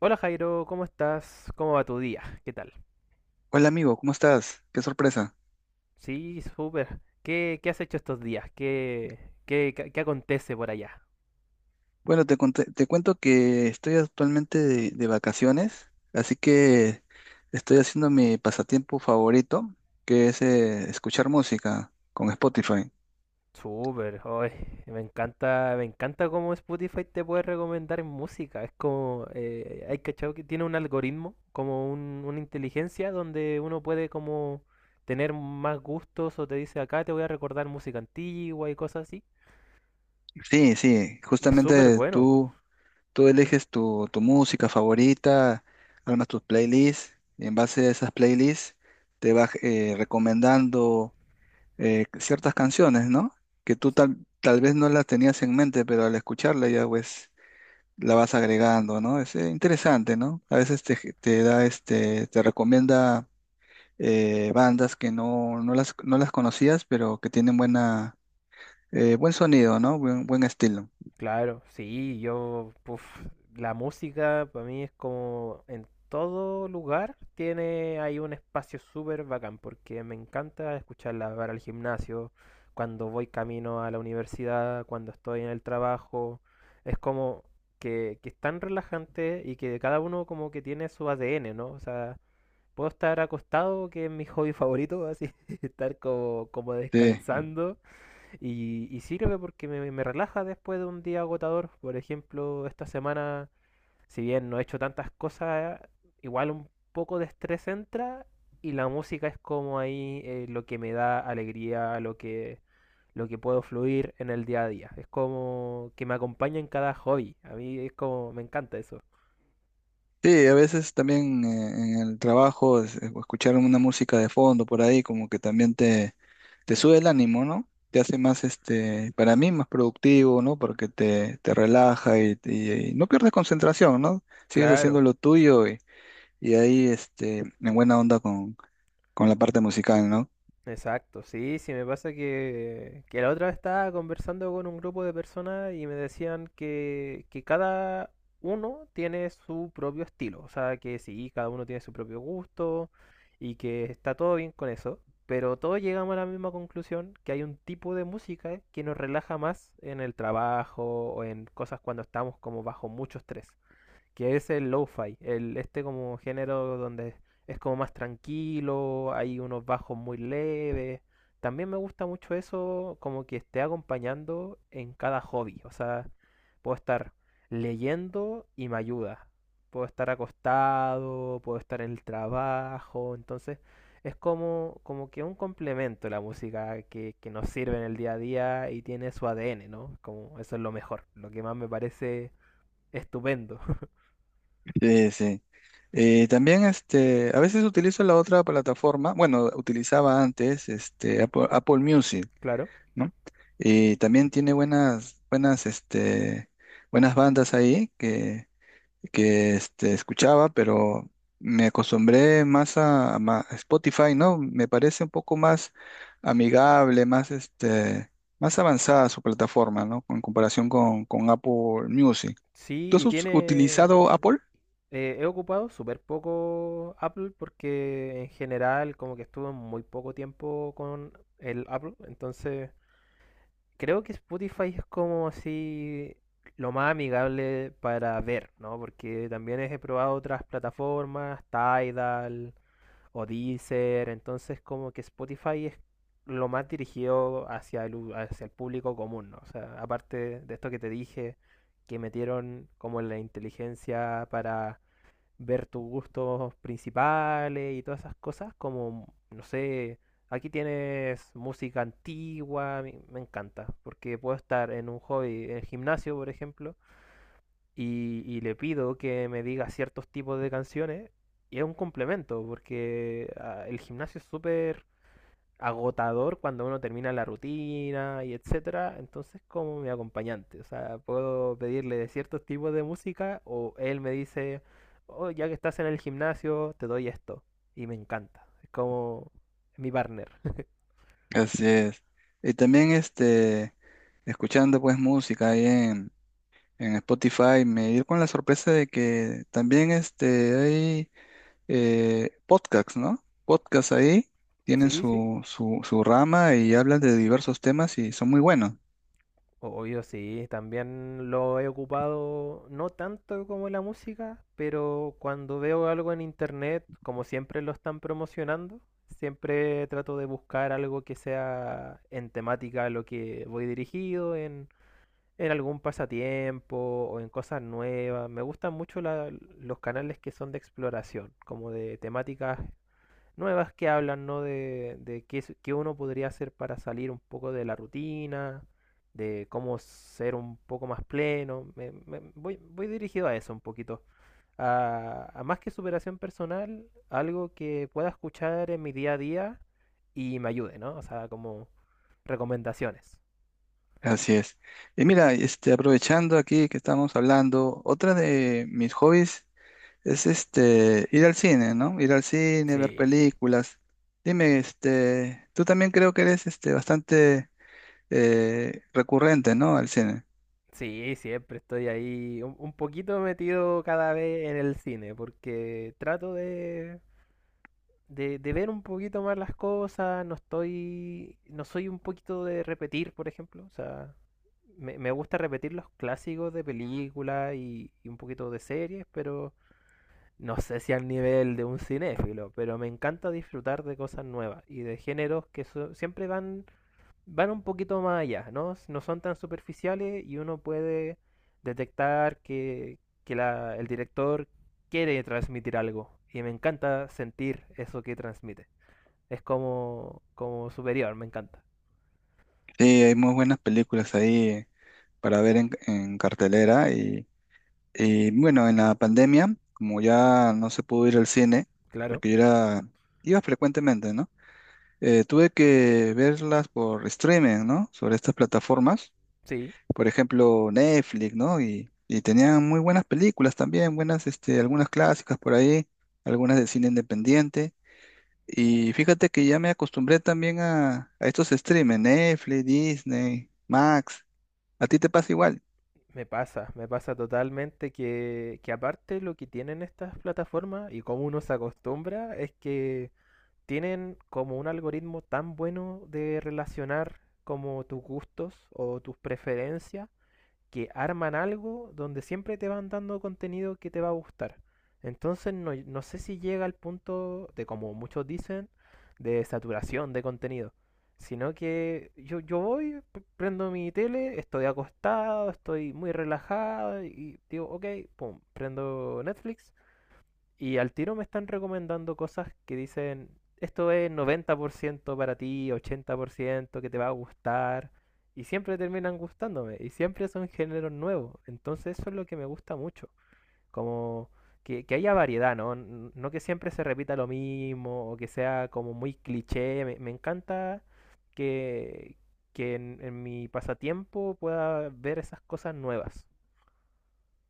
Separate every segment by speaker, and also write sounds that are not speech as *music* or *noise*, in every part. Speaker 1: Hola Jairo, ¿cómo estás? ¿Cómo va tu día? ¿Qué tal?
Speaker 2: Hola amigo, ¿cómo estás? Qué sorpresa.
Speaker 1: Sí, súper. ¿Qué has hecho estos días? ¿Qué acontece por allá?
Speaker 2: Bueno, te cuento que estoy actualmente de vacaciones, así que estoy haciendo mi pasatiempo favorito, que es escuchar música con Spotify.
Speaker 1: Súper, hoy me encanta cómo Spotify te puede recomendar música. Es como, hay cachado que tiene un algoritmo, como una inteligencia donde uno puede como tener más gustos o te dice acá te voy a recordar música antigua y cosas así.
Speaker 2: Sí, sí,
Speaker 1: Es súper
Speaker 2: justamente
Speaker 1: bueno.
Speaker 2: tú eliges tu música favorita, armas tus playlists, y en base a esas playlists te vas recomendando ciertas canciones, ¿no? Que tal vez no las tenías en mente, pero al escucharla ya pues la vas agregando, ¿no? Es interesante, ¿no? A veces te da este, te recomienda bandas que no las conocías, pero que tienen buen sonido, ¿no? Buen estilo.
Speaker 1: Claro, sí, yo, puf, la música para mí es como en todo lugar tiene ahí un espacio súper bacán porque me encanta escucharla para el gimnasio, cuando voy camino a la universidad, cuando estoy en el trabajo, es como que es tan relajante y que cada uno como que tiene su ADN, ¿no? O sea, puedo estar acostado, que es mi hobby favorito, así, *laughs* estar como, como
Speaker 2: Sí.
Speaker 1: descansando y sirve porque me relaja después de un día agotador. Por ejemplo, esta semana, si bien no he hecho tantas cosas, igual un poco de estrés entra y la música es como ahí lo que me da alegría, lo que puedo fluir en el día a día. Es como que me acompaña en cada hobby. A mí es como, me encanta eso.
Speaker 2: Sí, a veces también en el trabajo, escuchar una música de fondo por ahí como que también te sube el ánimo, ¿no? Te hace más, este, para mí, más productivo, ¿no? Porque te relaja y no pierdes concentración, ¿no? Sigues
Speaker 1: Claro.
Speaker 2: haciendo lo tuyo. Y ahí, este, en buena onda con la parte musical, ¿no?
Speaker 1: Exacto, sí, sí, me pasa que la otra vez estaba conversando con un grupo de personas y me decían que cada uno tiene su propio estilo, o sea, que sí, cada uno tiene su propio gusto y que está todo bien con eso, pero todos llegamos a la misma conclusión, que hay un tipo de música que nos relaja más en el trabajo o en cosas cuando estamos como bajo mucho estrés que es el lo-fi, el, este como género donde es como más tranquilo, hay unos bajos muy leves. También me gusta mucho eso, como que esté acompañando en cada hobby. O sea, puedo estar leyendo y me ayuda. Puedo estar acostado, puedo estar en el trabajo. Entonces, es como, como que un complemento la música que nos sirve en el día a día y tiene su ADN, ¿no? Como eso es lo mejor, lo que más me parece estupendo, *laughs*
Speaker 2: Sí, sí. También, este, a veces utilizo la otra plataforma, bueno, utilizaba antes, este, Apple Music,
Speaker 1: claro.
Speaker 2: ¿no? Y también tiene este, buenas bandas ahí que este, escuchaba, pero me acostumbré más a Spotify, ¿no? Me parece un poco más amigable, más, este, más avanzada su plataforma, ¿no? En comparación con Apple Music.
Speaker 1: Sí,
Speaker 2: ¿Tú has
Speaker 1: y tiene...
Speaker 2: utilizado Apple?
Speaker 1: he ocupado súper poco Apple porque en general como que estuve muy poco tiempo con el Apple. Entonces creo que Spotify es como así lo más amigable para ver, ¿no? Porque también he probado otras plataformas, Tidal, o Deezer, entonces como que Spotify es lo más dirigido hacia hacia el público común, ¿no? O sea, aparte de esto que te dije, que metieron como la inteligencia para ver tus gustos principales y todas esas cosas, como, no sé, aquí tienes música antigua, a mí me encanta, porque puedo estar en un hobby, en el gimnasio, por ejemplo, y le pido que me diga ciertos tipos de canciones y es un complemento porque ah, el gimnasio es súper agotador cuando uno termina la rutina y etcétera, entonces como mi acompañante, o sea, puedo pedirle de ciertos tipos de música o él me dice, oh, ya que estás en el gimnasio, te doy esto y me encanta, es como mi partner. *laughs*
Speaker 2: Así es. Y también este, escuchando pues música ahí en Spotify, me di con la sorpresa de que también este, hay podcasts, ¿no? Podcasts ahí tienen
Speaker 1: Sí, sí.
Speaker 2: su rama y hablan de diversos temas y son muy buenos.
Speaker 1: Obvio, sí, también lo he ocupado, no tanto como la música, pero cuando veo algo en internet, como siempre lo están promocionando, siempre trato de buscar algo que sea en temática a lo que voy dirigido, en algún pasatiempo o en cosas nuevas. Me gustan mucho los canales que son de exploración, como de temáticas nuevas que hablan, ¿no? De qué, qué uno podría hacer para salir un poco de la rutina, de cómo ser un poco más pleno. Voy, voy dirigido a eso un poquito. A más que superación personal, algo que pueda escuchar en mi día a día y me ayude, ¿no? O sea, como recomendaciones.
Speaker 2: Así es. Y mira, este, aprovechando aquí que estamos hablando, otra de mis hobbies es este ir al cine, ¿no? Ir al cine, ver
Speaker 1: Sí,
Speaker 2: películas. Dime, este, tú también creo que eres este bastante recurrente, ¿no? Al cine.
Speaker 1: sí, siempre estoy ahí un poquito metido cada vez en el cine, porque trato de ver un poquito más las cosas, no estoy, no soy un poquito de repetir, por ejemplo, o sea, me gusta repetir los clásicos de películas y un poquito de series, pero no sé si al nivel de un cinéfilo, pero me encanta disfrutar de cosas nuevas y de géneros que siempre van, van un poquito más allá, ¿no? No son tan superficiales y uno puede detectar que el director quiere transmitir algo y me encanta sentir eso que transmite es como, como superior, me encanta.
Speaker 2: Sí, hay muy buenas películas ahí para ver en cartelera y eh, bueno, en la pandemia, como ya no se pudo ir al cine,
Speaker 1: Claro.
Speaker 2: porque yo era, iba frecuentemente, ¿no? Tuve que verlas por streaming, ¿no? Sobre estas plataformas,
Speaker 1: Sí,
Speaker 2: por ejemplo, Netflix, ¿no? Y tenían muy buenas películas también, buenas, este, algunas clásicas por ahí, algunas de cine independiente. Y fíjate que ya me acostumbré también a estos streaming, Netflix, Disney, Max. ¿A ti te pasa igual?
Speaker 1: me pasa totalmente que aparte lo que tienen estas plataformas y cómo uno se acostumbra es que tienen como un algoritmo tan bueno de relacionar como tus gustos o tus preferencias que arman algo donde siempre te van dando contenido que te va a gustar. Entonces no, no sé si llega al punto de, como muchos dicen, de saturación de contenido. Sino que yo voy, prendo mi tele, estoy acostado, estoy muy relajado y digo, ok, pum, prendo Netflix y al tiro me están recomendando cosas que dicen, esto es 90% para ti, 80% que te va a gustar. Y siempre terminan gustándome. Y siempre son géneros nuevos. Entonces eso es lo que me gusta mucho. Como que haya variedad, ¿no? No que siempre se repita lo mismo o que sea como muy cliché. Me encanta que, que en mi pasatiempo pueda ver esas cosas nuevas.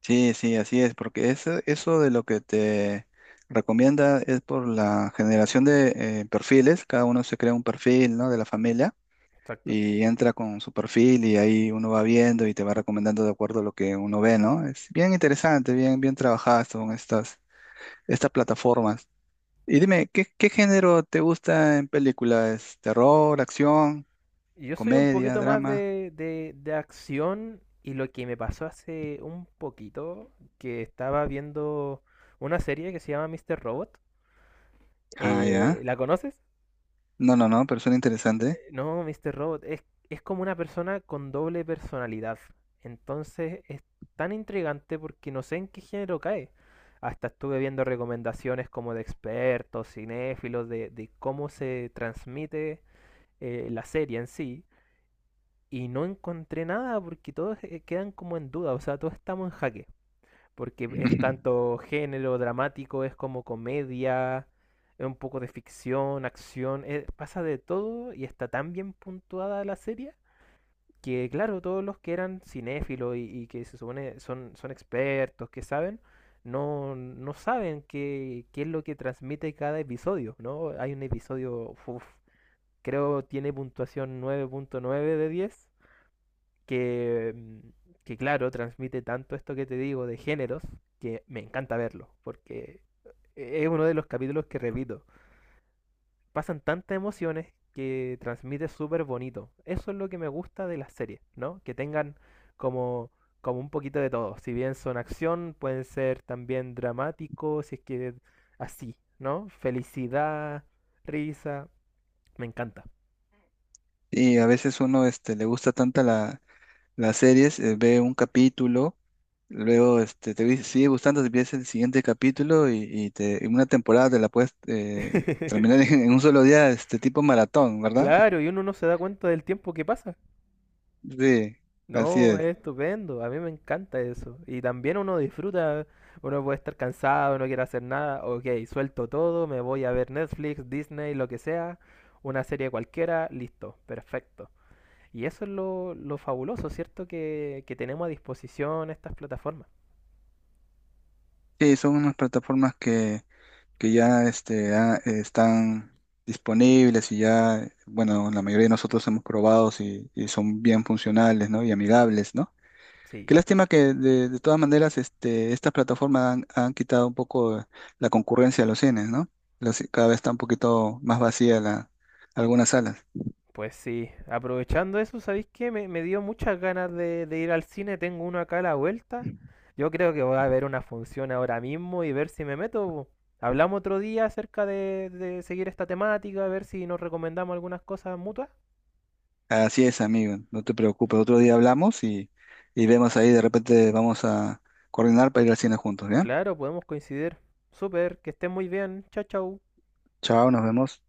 Speaker 2: Sí, sí, así es, porque eso de lo que te recomienda es por la generación de perfiles, cada uno se crea un perfil, ¿no? De la familia
Speaker 1: Exacto.
Speaker 2: y entra con su perfil y ahí uno va viendo y te va recomendando de acuerdo a lo que uno ve, ¿no? Es bien interesante, bien, bien trabajadas son estas plataformas. Y dime, ¿qué, qué género te gusta en películas? ¿Terror, acción,
Speaker 1: Yo soy un
Speaker 2: comedia,
Speaker 1: poquito más
Speaker 2: drama?
Speaker 1: de acción y lo que me pasó hace un poquito, que estaba viendo una serie que se llama Mr. Robot.
Speaker 2: Ah, ya.
Speaker 1: ¿La conoces?
Speaker 2: No, no, no, pero suena interesante.
Speaker 1: No, Mr. Robot es como una persona con doble personalidad. Entonces es tan intrigante porque no sé en qué género cae. Hasta estuve viendo recomendaciones como de expertos, cinéfilos, de cómo se transmite la serie en sí. Y no encontré nada porque todos quedan como en duda, o sea, todos estamos en jaque, porque es
Speaker 2: *laughs*
Speaker 1: tanto género dramático, es como comedia, es un poco de ficción, acción, pasa de todo y está tan bien puntuada la serie que, claro, todos los que eran cinéfilos y que se supone son, son expertos, que saben, no, no saben qué, qué es lo que transmite cada episodio, ¿no? Hay un episodio, uf, creo tiene puntuación 9.9 de 10 que, que claro, transmite tanto esto que te digo de géneros que me encanta verlo, porque es uno de los capítulos que repito. Pasan tantas emociones que transmite súper bonito. Eso es lo que me gusta de las series, ¿no? Que tengan como, como un poquito de todo. Si bien son acción, pueden ser también dramáticos, si es que así, ¿no? Felicidad, risa, me encanta.
Speaker 2: Y a veces uno este, le gusta tanta las series, ve un capítulo, luego este, sigue gustando, te ves el siguiente capítulo y en una temporada te la puedes terminar *laughs*
Speaker 1: *laughs*
Speaker 2: en un solo día, este tipo maratón, ¿verdad?
Speaker 1: Claro, y uno no se da cuenta del tiempo que pasa.
Speaker 2: Sí, así
Speaker 1: No,
Speaker 2: es.
Speaker 1: es estupendo, a mí me encanta eso. Y también uno disfruta, uno puede estar cansado, no quiere hacer nada, ok, suelto todo, me voy a ver Netflix, Disney, lo que sea, una serie cualquiera, listo, perfecto. Y eso es lo fabuloso, ¿cierto? Que tenemos a disposición estas plataformas.
Speaker 2: Sí, son unas plataformas que ya este, están disponibles y ya, bueno, la mayoría de nosotros hemos probado y son bien funcionales, ¿no? Y amigables, ¿no? Qué
Speaker 1: Sí.
Speaker 2: lástima que de todas maneras este, estas plataformas han quitado un poco la concurrencia a los cines, ¿no? Los- cada vez está un poquito más vacía la, algunas salas.
Speaker 1: Pues sí, aprovechando eso, ¿sabéis qué? Me dio muchas ganas de ir al cine, tengo uno acá a la vuelta. Yo creo que voy a ver una función ahora mismo y ver si me meto. Po. Hablamos otro día acerca de seguir esta temática, a ver si nos recomendamos algunas cosas mutuas.
Speaker 2: Así es, amigo, no te preocupes. Otro día hablamos y vemos ahí, de repente vamos a coordinar para ir al cine juntos, ¿ya?
Speaker 1: Claro, podemos coincidir. Súper, que estén muy bien. Chao, chao.
Speaker 2: Chao, nos vemos.